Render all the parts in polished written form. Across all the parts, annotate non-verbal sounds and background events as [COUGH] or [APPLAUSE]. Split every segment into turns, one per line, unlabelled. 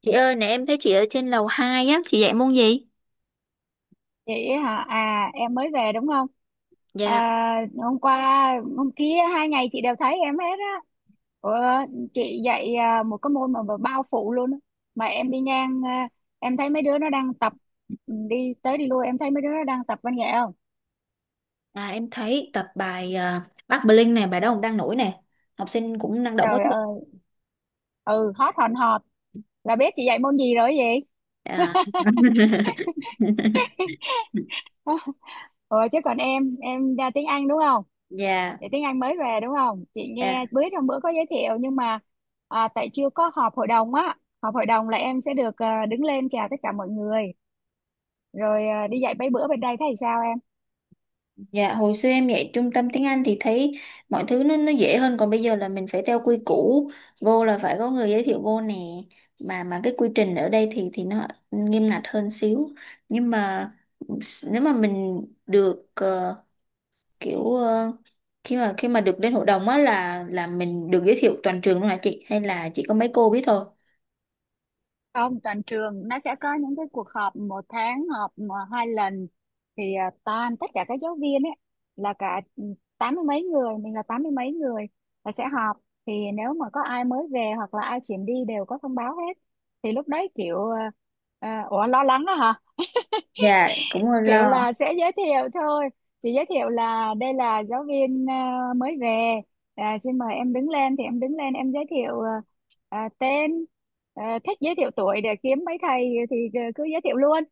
Chị ơi, nè em thấy chị ở trên lầu 2 á, chị dạy môn gì?
Vậy hả? À, em mới về đúng không?
Dạ.
À, hôm qua hôm kia 2 ngày chị đều thấy em hết á. Ủa, chị dạy một cái môn mà, bao phủ luôn á. Mà em đi ngang, em thấy mấy đứa nó đang tập, đi tới đi lui em thấy mấy đứa nó đang tập văn nghệ không?
À, em thấy tập bài à, Bắc Bling này, bài đó cũng đang nổi nè. Học sinh cũng năng động quá
Trời
chứ.
ơi, ừ hot hòn hòt là biết chị dạy môn gì rồi gì?
À. [LAUGHS]
[LAUGHS] Ờ chứ còn em ra tiếng Anh đúng không?
Dạ,
Để tiếng Anh mới về đúng không, chị
dạ,
nghe bữa trong bữa có giới thiệu nhưng mà tại chưa có họp hội đồng á. Họp hội đồng là em sẽ được, đứng lên chào tất cả mọi người, rồi đi dạy mấy bữa bên đây thấy sao em?
dạ, hồi xưa em dạy trung tâm tiếng Anh thì thấy mọi thứ nó dễ hơn, còn bây giờ là mình phải theo quy củ, vô là phải có người giới thiệu vô nè. Mà cái quy trình ở đây thì nó nghiêm ngặt hơn xíu. Nhưng mà nếu mà mình được kiểu khi mà được lên hội đồng á là mình được giới thiệu toàn trường luôn hả chị, hay là chỉ có mấy cô biết thôi?
Không, toàn trường nó sẽ có những cái cuộc họp, một tháng họp mà hai lần, thì toàn tất cả các giáo viên ấy, là cả, tám mươi mấy người, mình là tám mươi mấy người là sẽ họp. Thì nếu mà có ai mới về hoặc là ai chuyển đi đều có thông báo hết, thì lúc đấy kiểu à, à, ủa lo lắng đó.
Dạ, cũng hơi
Kiểu
lo.
là sẽ giới thiệu thôi, chị giới thiệu là đây là giáo viên mới về, xin mời em đứng lên, thì em đứng lên em giới thiệu tên, thích giới thiệu tuổi để kiếm mấy thầy thì cứ giới thiệu luôn.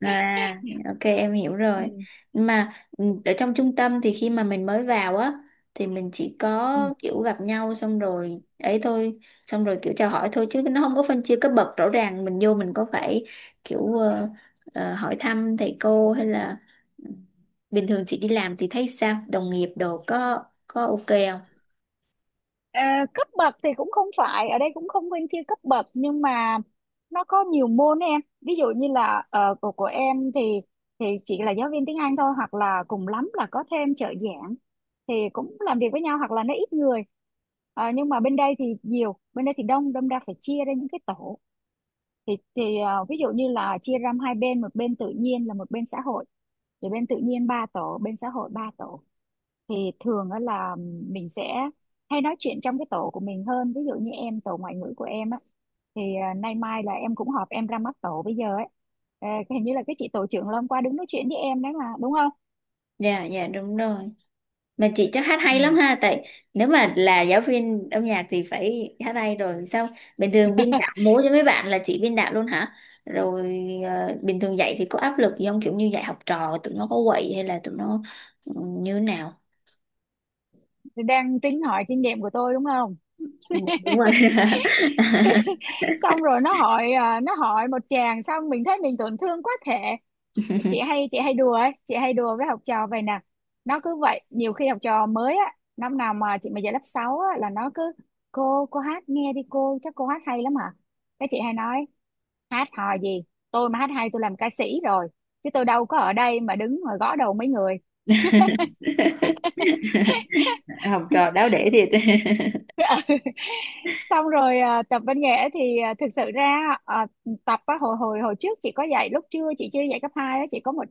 À,
[LAUGHS]
ok, em hiểu rồi.
Ừ.
Mà ừ, ở trong trung tâm thì khi mà mình mới vào á, thì mình chỉ
Ừ.
có kiểu gặp nhau xong rồi ấy thôi, xong rồi kiểu chào hỏi thôi chứ nó không có phân chia cấp bậc rõ ràng. Mình vô mình có phải kiểu hỏi thăm thầy cô hay là, ừ, bình thường chị đi làm thì thấy sao, đồng nghiệp đồ có ok không?
Ờ, cấp bậc thì cũng không phải, ở đây cũng không phân chia cấp bậc, nhưng mà nó có nhiều môn em, ví dụ như là của em thì chỉ là giáo viên tiếng Anh thôi, hoặc là cùng lắm là có thêm trợ giảng thì cũng làm việc với nhau, hoặc là nó ít người. Ờ, nhưng mà bên đây thì nhiều, bên đây thì đông, đâm ra phải chia ra những cái tổ, thì ví dụ như là chia ra hai bên, một bên tự nhiên là một bên xã hội, thì bên tự nhiên ba tổ, bên xã hội ba tổ. Thì thường á là mình sẽ hay nói chuyện trong cái tổ của mình hơn, ví dụ như em, tổ ngoại ngữ của em á, thì nay mai là em cũng họp, em ra mắt tổ bây giờ ấy. Ờ, hình như là cái chị tổ trưởng là hôm qua đứng nói chuyện với em đấy mà đúng không.
Dạ, dạ, đúng rồi. Mà chị chắc hát
Ừ.
hay lắm ha. Tại nếu mà là giáo viên âm nhạc thì phải hát hay rồi. Sao bình thường biên đạo múa cho mấy bạn là chị biên đạo luôn hả? Rồi bình thường dạy thì có áp lực gì không? Kiểu như dạy học trò tụi nó có quậy hay là tụi nó ừ, như thế nào?
Thì đang tính hỏi kinh nghiệm của tôi đúng không.
Đúng rồi. [LAUGHS]
[LAUGHS] Xong rồi nó hỏi nó hỏi một chàng, xong mình thấy mình tổn thương quá thể. Chị hay đùa ấy, chị hay đùa với học trò vậy nè. Nó cứ vậy, nhiều khi học trò mới á, năm nào mà chị mà dạy lớp 6 á là nó cứ: cô hát nghe đi cô, chắc cô hát hay lắm hả. Cái chị hay nói: hát hò gì, tôi mà hát hay tôi làm ca sĩ rồi, chứ tôi đâu có ở đây mà đứng mà gõ đầu mấy người.
Học trò đáo để thiệt. [LAUGHS]
Xong rồi tập văn nghệ thì thực sự ra à, tập á, hồi hồi hồi trước chị có dạy, lúc chưa chị chưa dạy cấp 2 á, chị có một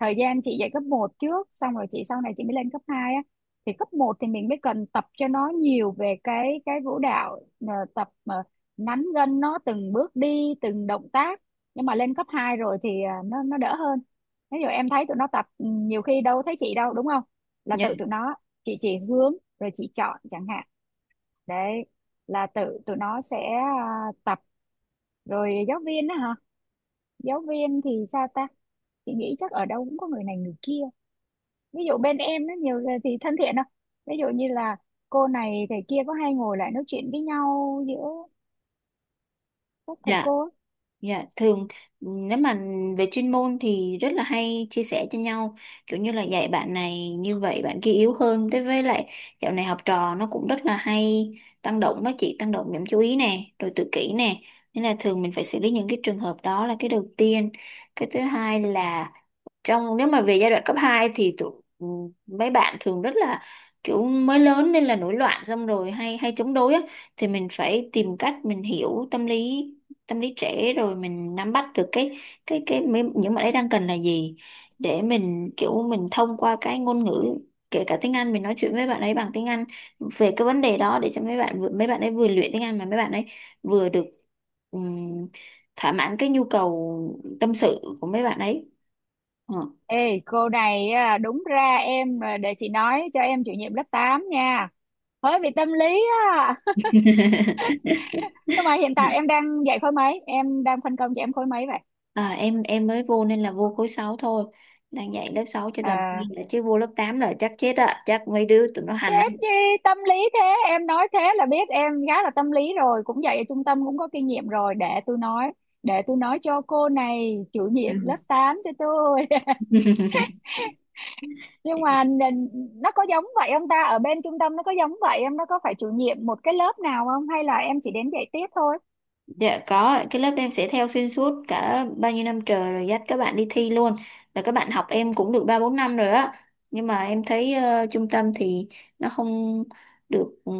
thời gian chị dạy cấp 1 trước, xong rồi chị sau này chị mới lên cấp 2 á. Thì cấp 1 thì mình mới cần tập cho nó nhiều về cái vũ đạo, tập mà nắn gân nó từng bước đi từng động tác. Nhưng mà lên cấp 2 rồi thì nó đỡ hơn. Ví dụ em thấy tụi nó tập, nhiều khi đâu thấy chị đâu, đúng không, là
Dạ,
tự tụi nó. Chị chỉ hướng, rồi chị chọn chẳng hạn, đấy, là tự tụi nó sẽ tập. Rồi giáo viên đó hả? Giáo viên thì sao ta? Chị nghĩ chắc ở đâu cũng có người này người kia. Ví dụ bên em nó nhiều người thì thân thiện không? Ví dụ như là cô này thầy kia có hay ngồi lại nói chuyện với nhau giữa các thầy
dạ.
cô á.
Dạ, thường nếu mà về chuyên môn thì rất là hay chia sẻ cho nhau, kiểu như là dạy bạn này như vậy, bạn kia yếu hơn. Đối với lại dạo này học trò nó cũng rất là hay tăng động. Với chị, tăng động điểm chú ý nè, rồi tự kỷ nè, nên là thường mình phải xử lý những cái trường hợp đó là cái đầu tiên. Cái thứ hai là, trong nếu mà về giai đoạn cấp 2 thì tụi, ừ, mấy bạn thường rất là kiểu mới lớn nên là nổi loạn, xong rồi hay hay chống đối á, thì mình phải tìm cách mình hiểu tâm lý, tâm lý trẻ, rồi mình nắm bắt được cái những bạn ấy đang cần là gì, để mình kiểu mình thông qua cái ngôn ngữ, kể cả tiếng Anh, mình nói chuyện với bạn ấy bằng tiếng Anh về cái vấn đề đó, để cho mấy bạn ấy vừa luyện tiếng Anh mà mấy bạn ấy vừa được ừm, thỏa mãn cái nhu cầu tâm sự của mấy bạn ấy. Ờ.
Ê cô này đúng ra em, để chị nói cho em chủ nhiệm lớp 8 nha, hơi bị tâm lý á.
[LAUGHS]
Nhưng mà hiện tại em đang dạy khối mấy, em đang phân công cho em khối mấy vậy?
À, em mới vô nên là vô khối 6 thôi, đang dạy lớp 6 cho làm
À,
quen đã, chứ vô lớp 8 là chắc chết ạ, chắc mấy đứa tụi nó hành lắm.
chết chi tâm lý thế, em nói thế là biết em gái là tâm lý rồi, cũng vậy ở trung tâm cũng có kinh nghiệm rồi, để tôi nói, để tôi nói cho cô này chủ nhiệm lớp
[LAUGHS]
8 cho tôi. [LAUGHS] Nhưng
Ừ.
mà nó có giống vậy không ta, ở bên trung tâm nó có giống vậy em, nó có phải chủ nhiệm một cái lớp nào không, hay là em chỉ đến dạy tiếp thôi?
Dạ, có, cái lớp em sẽ theo xuyên suốt cả bao nhiêu năm trời, rồi dắt các bạn đi thi luôn. Là các bạn học em cũng được 3 4 năm rồi á. Nhưng mà em thấy trung tâm thì nó không được ừ,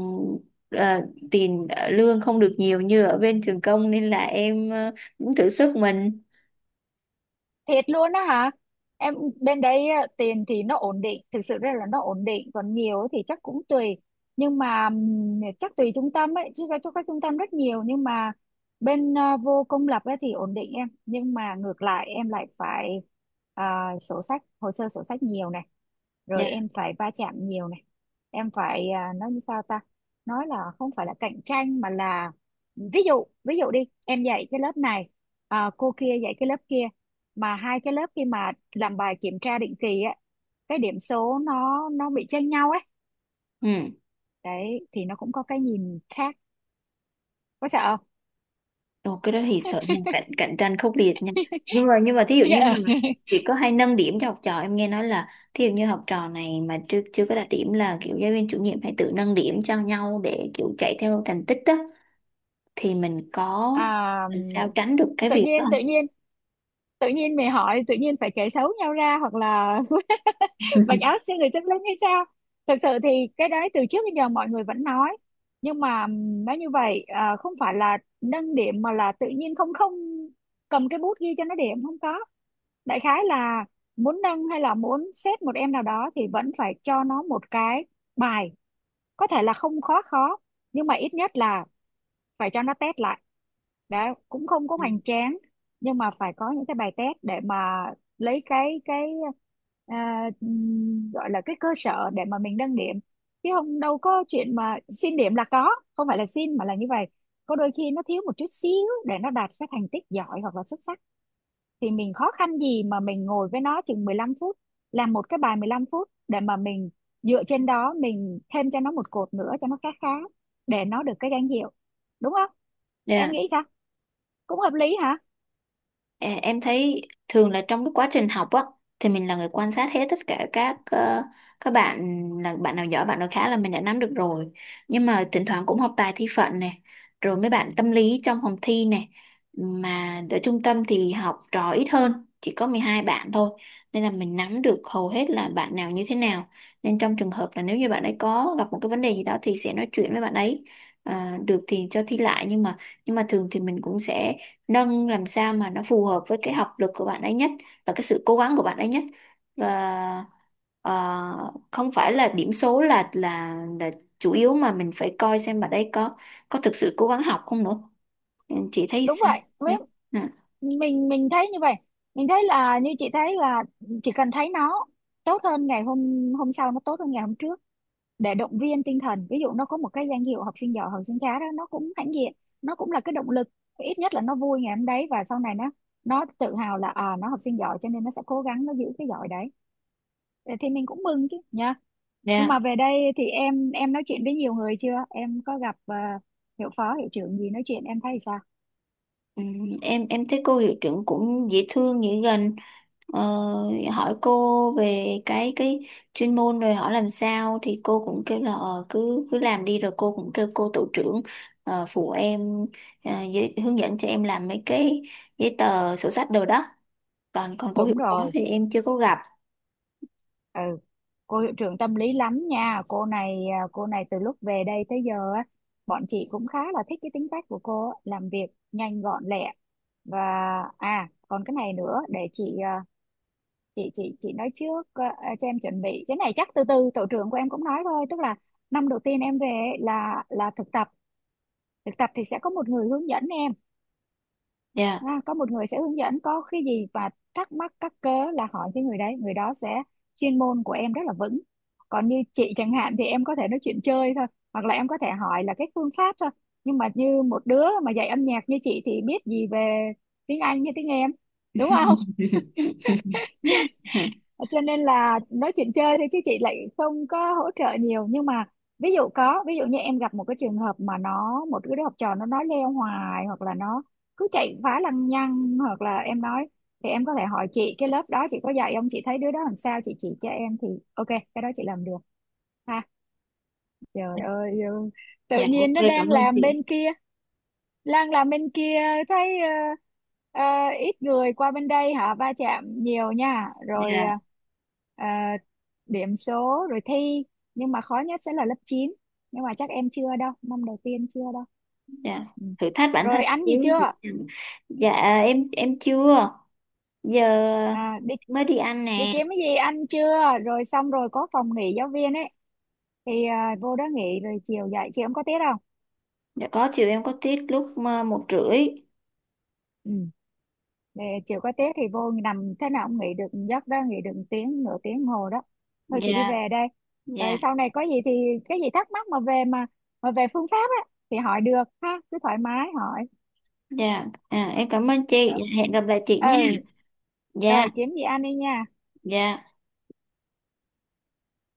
ờ, tiền lương không được nhiều như ở bên trường công, nên là em cũng thử sức mình.
Thiệt luôn á hả? Em, bên đấy tiền thì nó ổn định, thực sự ra là nó ổn định, còn nhiều ấy thì chắc cũng tùy. Nhưng mà chắc tùy trung tâm ấy, chứ cho các trung tâm rất nhiều, nhưng mà bên vô công lập ấy thì ổn định em, nhưng mà ngược lại em lại phải à, sổ sách, hồ sơ sổ sách nhiều này, rồi
Dạ.
em phải va chạm nhiều này. Em phải nói như sao ta? Nói là không phải là cạnh tranh mà là, ví dụ đi, em dạy cái lớp này, cô kia dạy cái lớp kia, mà hai cái lớp khi mà làm bài kiểm tra định kỳ á, cái điểm số nó bị chênh nhau ấy,
Ừ.
đấy thì nó cũng có cái nhìn khác, có sợ không?
Ồ, cái đó thì sợ nha, cạnh cạnh tranh khốc liệt nha. Nhưng mà thí dụ như mà
[LAUGHS]
chỉ có hay nâng điểm cho học trò, em nghe nói là thí dụ như học trò này mà chưa chưa có đạt điểm là kiểu giáo viên chủ nhiệm hay tự nâng điểm cho nhau để kiểu chạy theo thành tích đó, thì mình có
à,
làm sao tránh được cái
tự
việc đó
nhiên tự
không?
nhiên tự nhiên mày hỏi, tự nhiên phải kể xấu nhau ra, hoặc là [LAUGHS] mặc áo siêu người tâm linh hay sao. Thực sự thì cái đấy từ trước đến giờ mọi người vẫn nói, nhưng mà nói như vậy không phải là nâng điểm mà là, tự nhiên không không cầm cái bút ghi cho nó điểm không có, đại khái là muốn nâng hay là muốn xét một em nào đó thì vẫn phải cho nó một cái bài, có thể là không khó khó, nhưng mà ít nhất là phải cho nó test lại đã, cũng không có
Ừ.
hoành tráng, nhưng mà phải có những cái bài test để mà lấy cái gọi là cái cơ sở để mà mình nâng điểm, chứ không đâu có chuyện mà xin điểm là có. Không phải là xin mà là như vậy, có đôi khi nó thiếu một chút xíu để nó đạt cái thành tích giỏi hoặc là xuất sắc, thì mình khó khăn gì mà mình ngồi với nó chừng 15 phút, làm một cái bài 15 phút để mà mình dựa trên đó mình thêm cho nó một cột nữa cho nó khá khá, để nó được cái danh hiệu, đúng không? Em
Dạ.
nghĩ sao, cũng hợp lý hả?
Ờ, em thấy thường là trong cái quá trình học á, thì mình là người quan sát hết tất cả các các bạn. Là bạn nào giỏi, bạn nào khá là mình đã nắm được rồi, nhưng mà thỉnh thoảng cũng học tài thi phận này, rồi mấy bạn tâm lý trong phòng thi này. Mà ở trung tâm thì học trò ít hơn, chỉ có 12 bạn thôi, nên là mình nắm được hầu hết là bạn nào như thế nào. Nên trong trường hợp là nếu như bạn ấy có gặp một cái vấn đề gì đó thì sẽ nói chuyện với bạn ấy. Ờ, được thì cho thi lại, nhưng mà thường thì mình cũng sẽ nâng làm sao mà nó phù hợp với cái học lực của bạn ấy nhất, và cái sự cố gắng của bạn ấy nhất. Và không phải là điểm số là chủ yếu, mà mình phải coi xem bạn ấy có thực sự cố gắng học không nữa. Ừ, chị thấy
Đúng
sao?
vậy.
Dạ.
Với-
Ừ.
mình thấy như vậy, mình thấy là, như chị thấy là chỉ cần thấy nó tốt hơn ngày hôm hôm sau, nó tốt hơn ngày hôm trước, để động viên tinh thần. Ví dụ nó có một cái danh hiệu học sinh giỏi học sinh khá đó, nó cũng hãnh diện, nó cũng là cái động lực, ít nhất là nó vui ngày hôm đấy, và sau này nó tự hào là à nó học sinh giỏi, cho nên nó sẽ cố gắng nó giữ cái giỏi đấy. Ờ, thì mình cũng mừng chứ nha. Nhưng
Dạ.
mà về đây thì em nói chuyện với nhiều người chưa, em có gặp hiệu phó hiệu trưởng gì nói chuyện em thấy sao?
Ừ, em thấy cô hiệu trưởng cũng dễ thương, dễ gần. ờ, Hỏi cô về cái chuyên môn, rồi hỏi làm sao thì cô cũng kêu là cứ cứ làm đi, rồi cô cũng kêu cô tổ trưởng phụ em, hướng dẫn cho em làm mấy cái giấy tờ sổ sách đồ đó. Còn còn cô hiệu
Đúng
phó
rồi.
thì em chưa có gặp.
Ừ, cô hiệu trưởng tâm lý lắm nha cô này, cô này từ lúc về đây tới giờ á, bọn chị cũng khá là thích cái tính cách của cô á, làm việc nhanh gọn lẹ, và còn cái này nữa, để chị chị nói trước cho em chuẩn bị cái này, chắc từ từ tổ trưởng của em cũng nói thôi, tức là năm đầu tiên em về ấy là thực tập. Thực tập thì sẽ có một người hướng dẫn em.
Dạ.
À, có một người sẽ hướng dẫn, có cái gì và thắc mắc các cớ là hỏi cái người đấy, người đó sẽ, chuyên môn của em rất là vững. Còn như chị chẳng hạn thì em có thể nói chuyện chơi thôi, hoặc là em có thể hỏi là cái phương pháp thôi, nhưng mà như một đứa mà dạy âm nhạc như chị thì biết gì về tiếng Anh như tiếng em, đúng không?
[LAUGHS]
Ờ, cho nên là nói chuyện chơi thôi, chứ chị lại không có hỗ trợ nhiều. Nhưng mà ví dụ như em gặp một cái trường hợp mà nó, một cái đứa học trò nó nói leo hoài, hoặc là nó cứ chạy phá lăng nhăng, hoặc là em nói, thì em có thể hỏi chị cái lớp đó chị có dạy không, chị thấy đứa đó làm sao chị chỉ cho em, thì ok cái đó chị làm được. Ha, trời ơi. Ừ. Tự
Dạ,
nhiên
ok,
nó đang
cảm ơn
làm bên
chị.
kia, đang làm bên kia, thấy ít người qua bên đây họ va chạm nhiều nha, rồi
Dạ.
ờ, ờ, điểm số rồi thi, nhưng mà khó nhất sẽ là lớp 9, nhưng mà chắc em chưa đâu, năm đầu tiên chưa đâu.
Dạ,
Ừ.
thử thách bản thân
Rồi ăn gì
xíu.
chưa,
Dạ, em chưa, giờ
à, đi
mới đi ăn
đi
nè.
kiếm cái gì ăn chưa, rồi xong rồi có phòng nghỉ giáo viên ấy, thì vô đó nghỉ rồi chiều dạy chị, em có tiết không?
Dạ, có, chiều em có tiết lúc 1h30.
Ừ. Để chiều có tiết thì vô nằm thế nào cũng nghỉ được giấc đó, nghỉ được tiếng nửa tiếng hồ đó. Thôi chị đi
Dạ.
về đây. Ờ,
Dạ.
sau này có gì thì, cái gì thắc mắc mà về mà về phương pháp á thì hỏi được ha, cứ thoải mái hỏi.
Dạ, à, em cảm ơn
Ừ.
chị. Dạ, hẹn gặp lại chị
Ờ.
nha.
ờ,
Dạ.
kiếm gì ăn đi nha.
Dạ.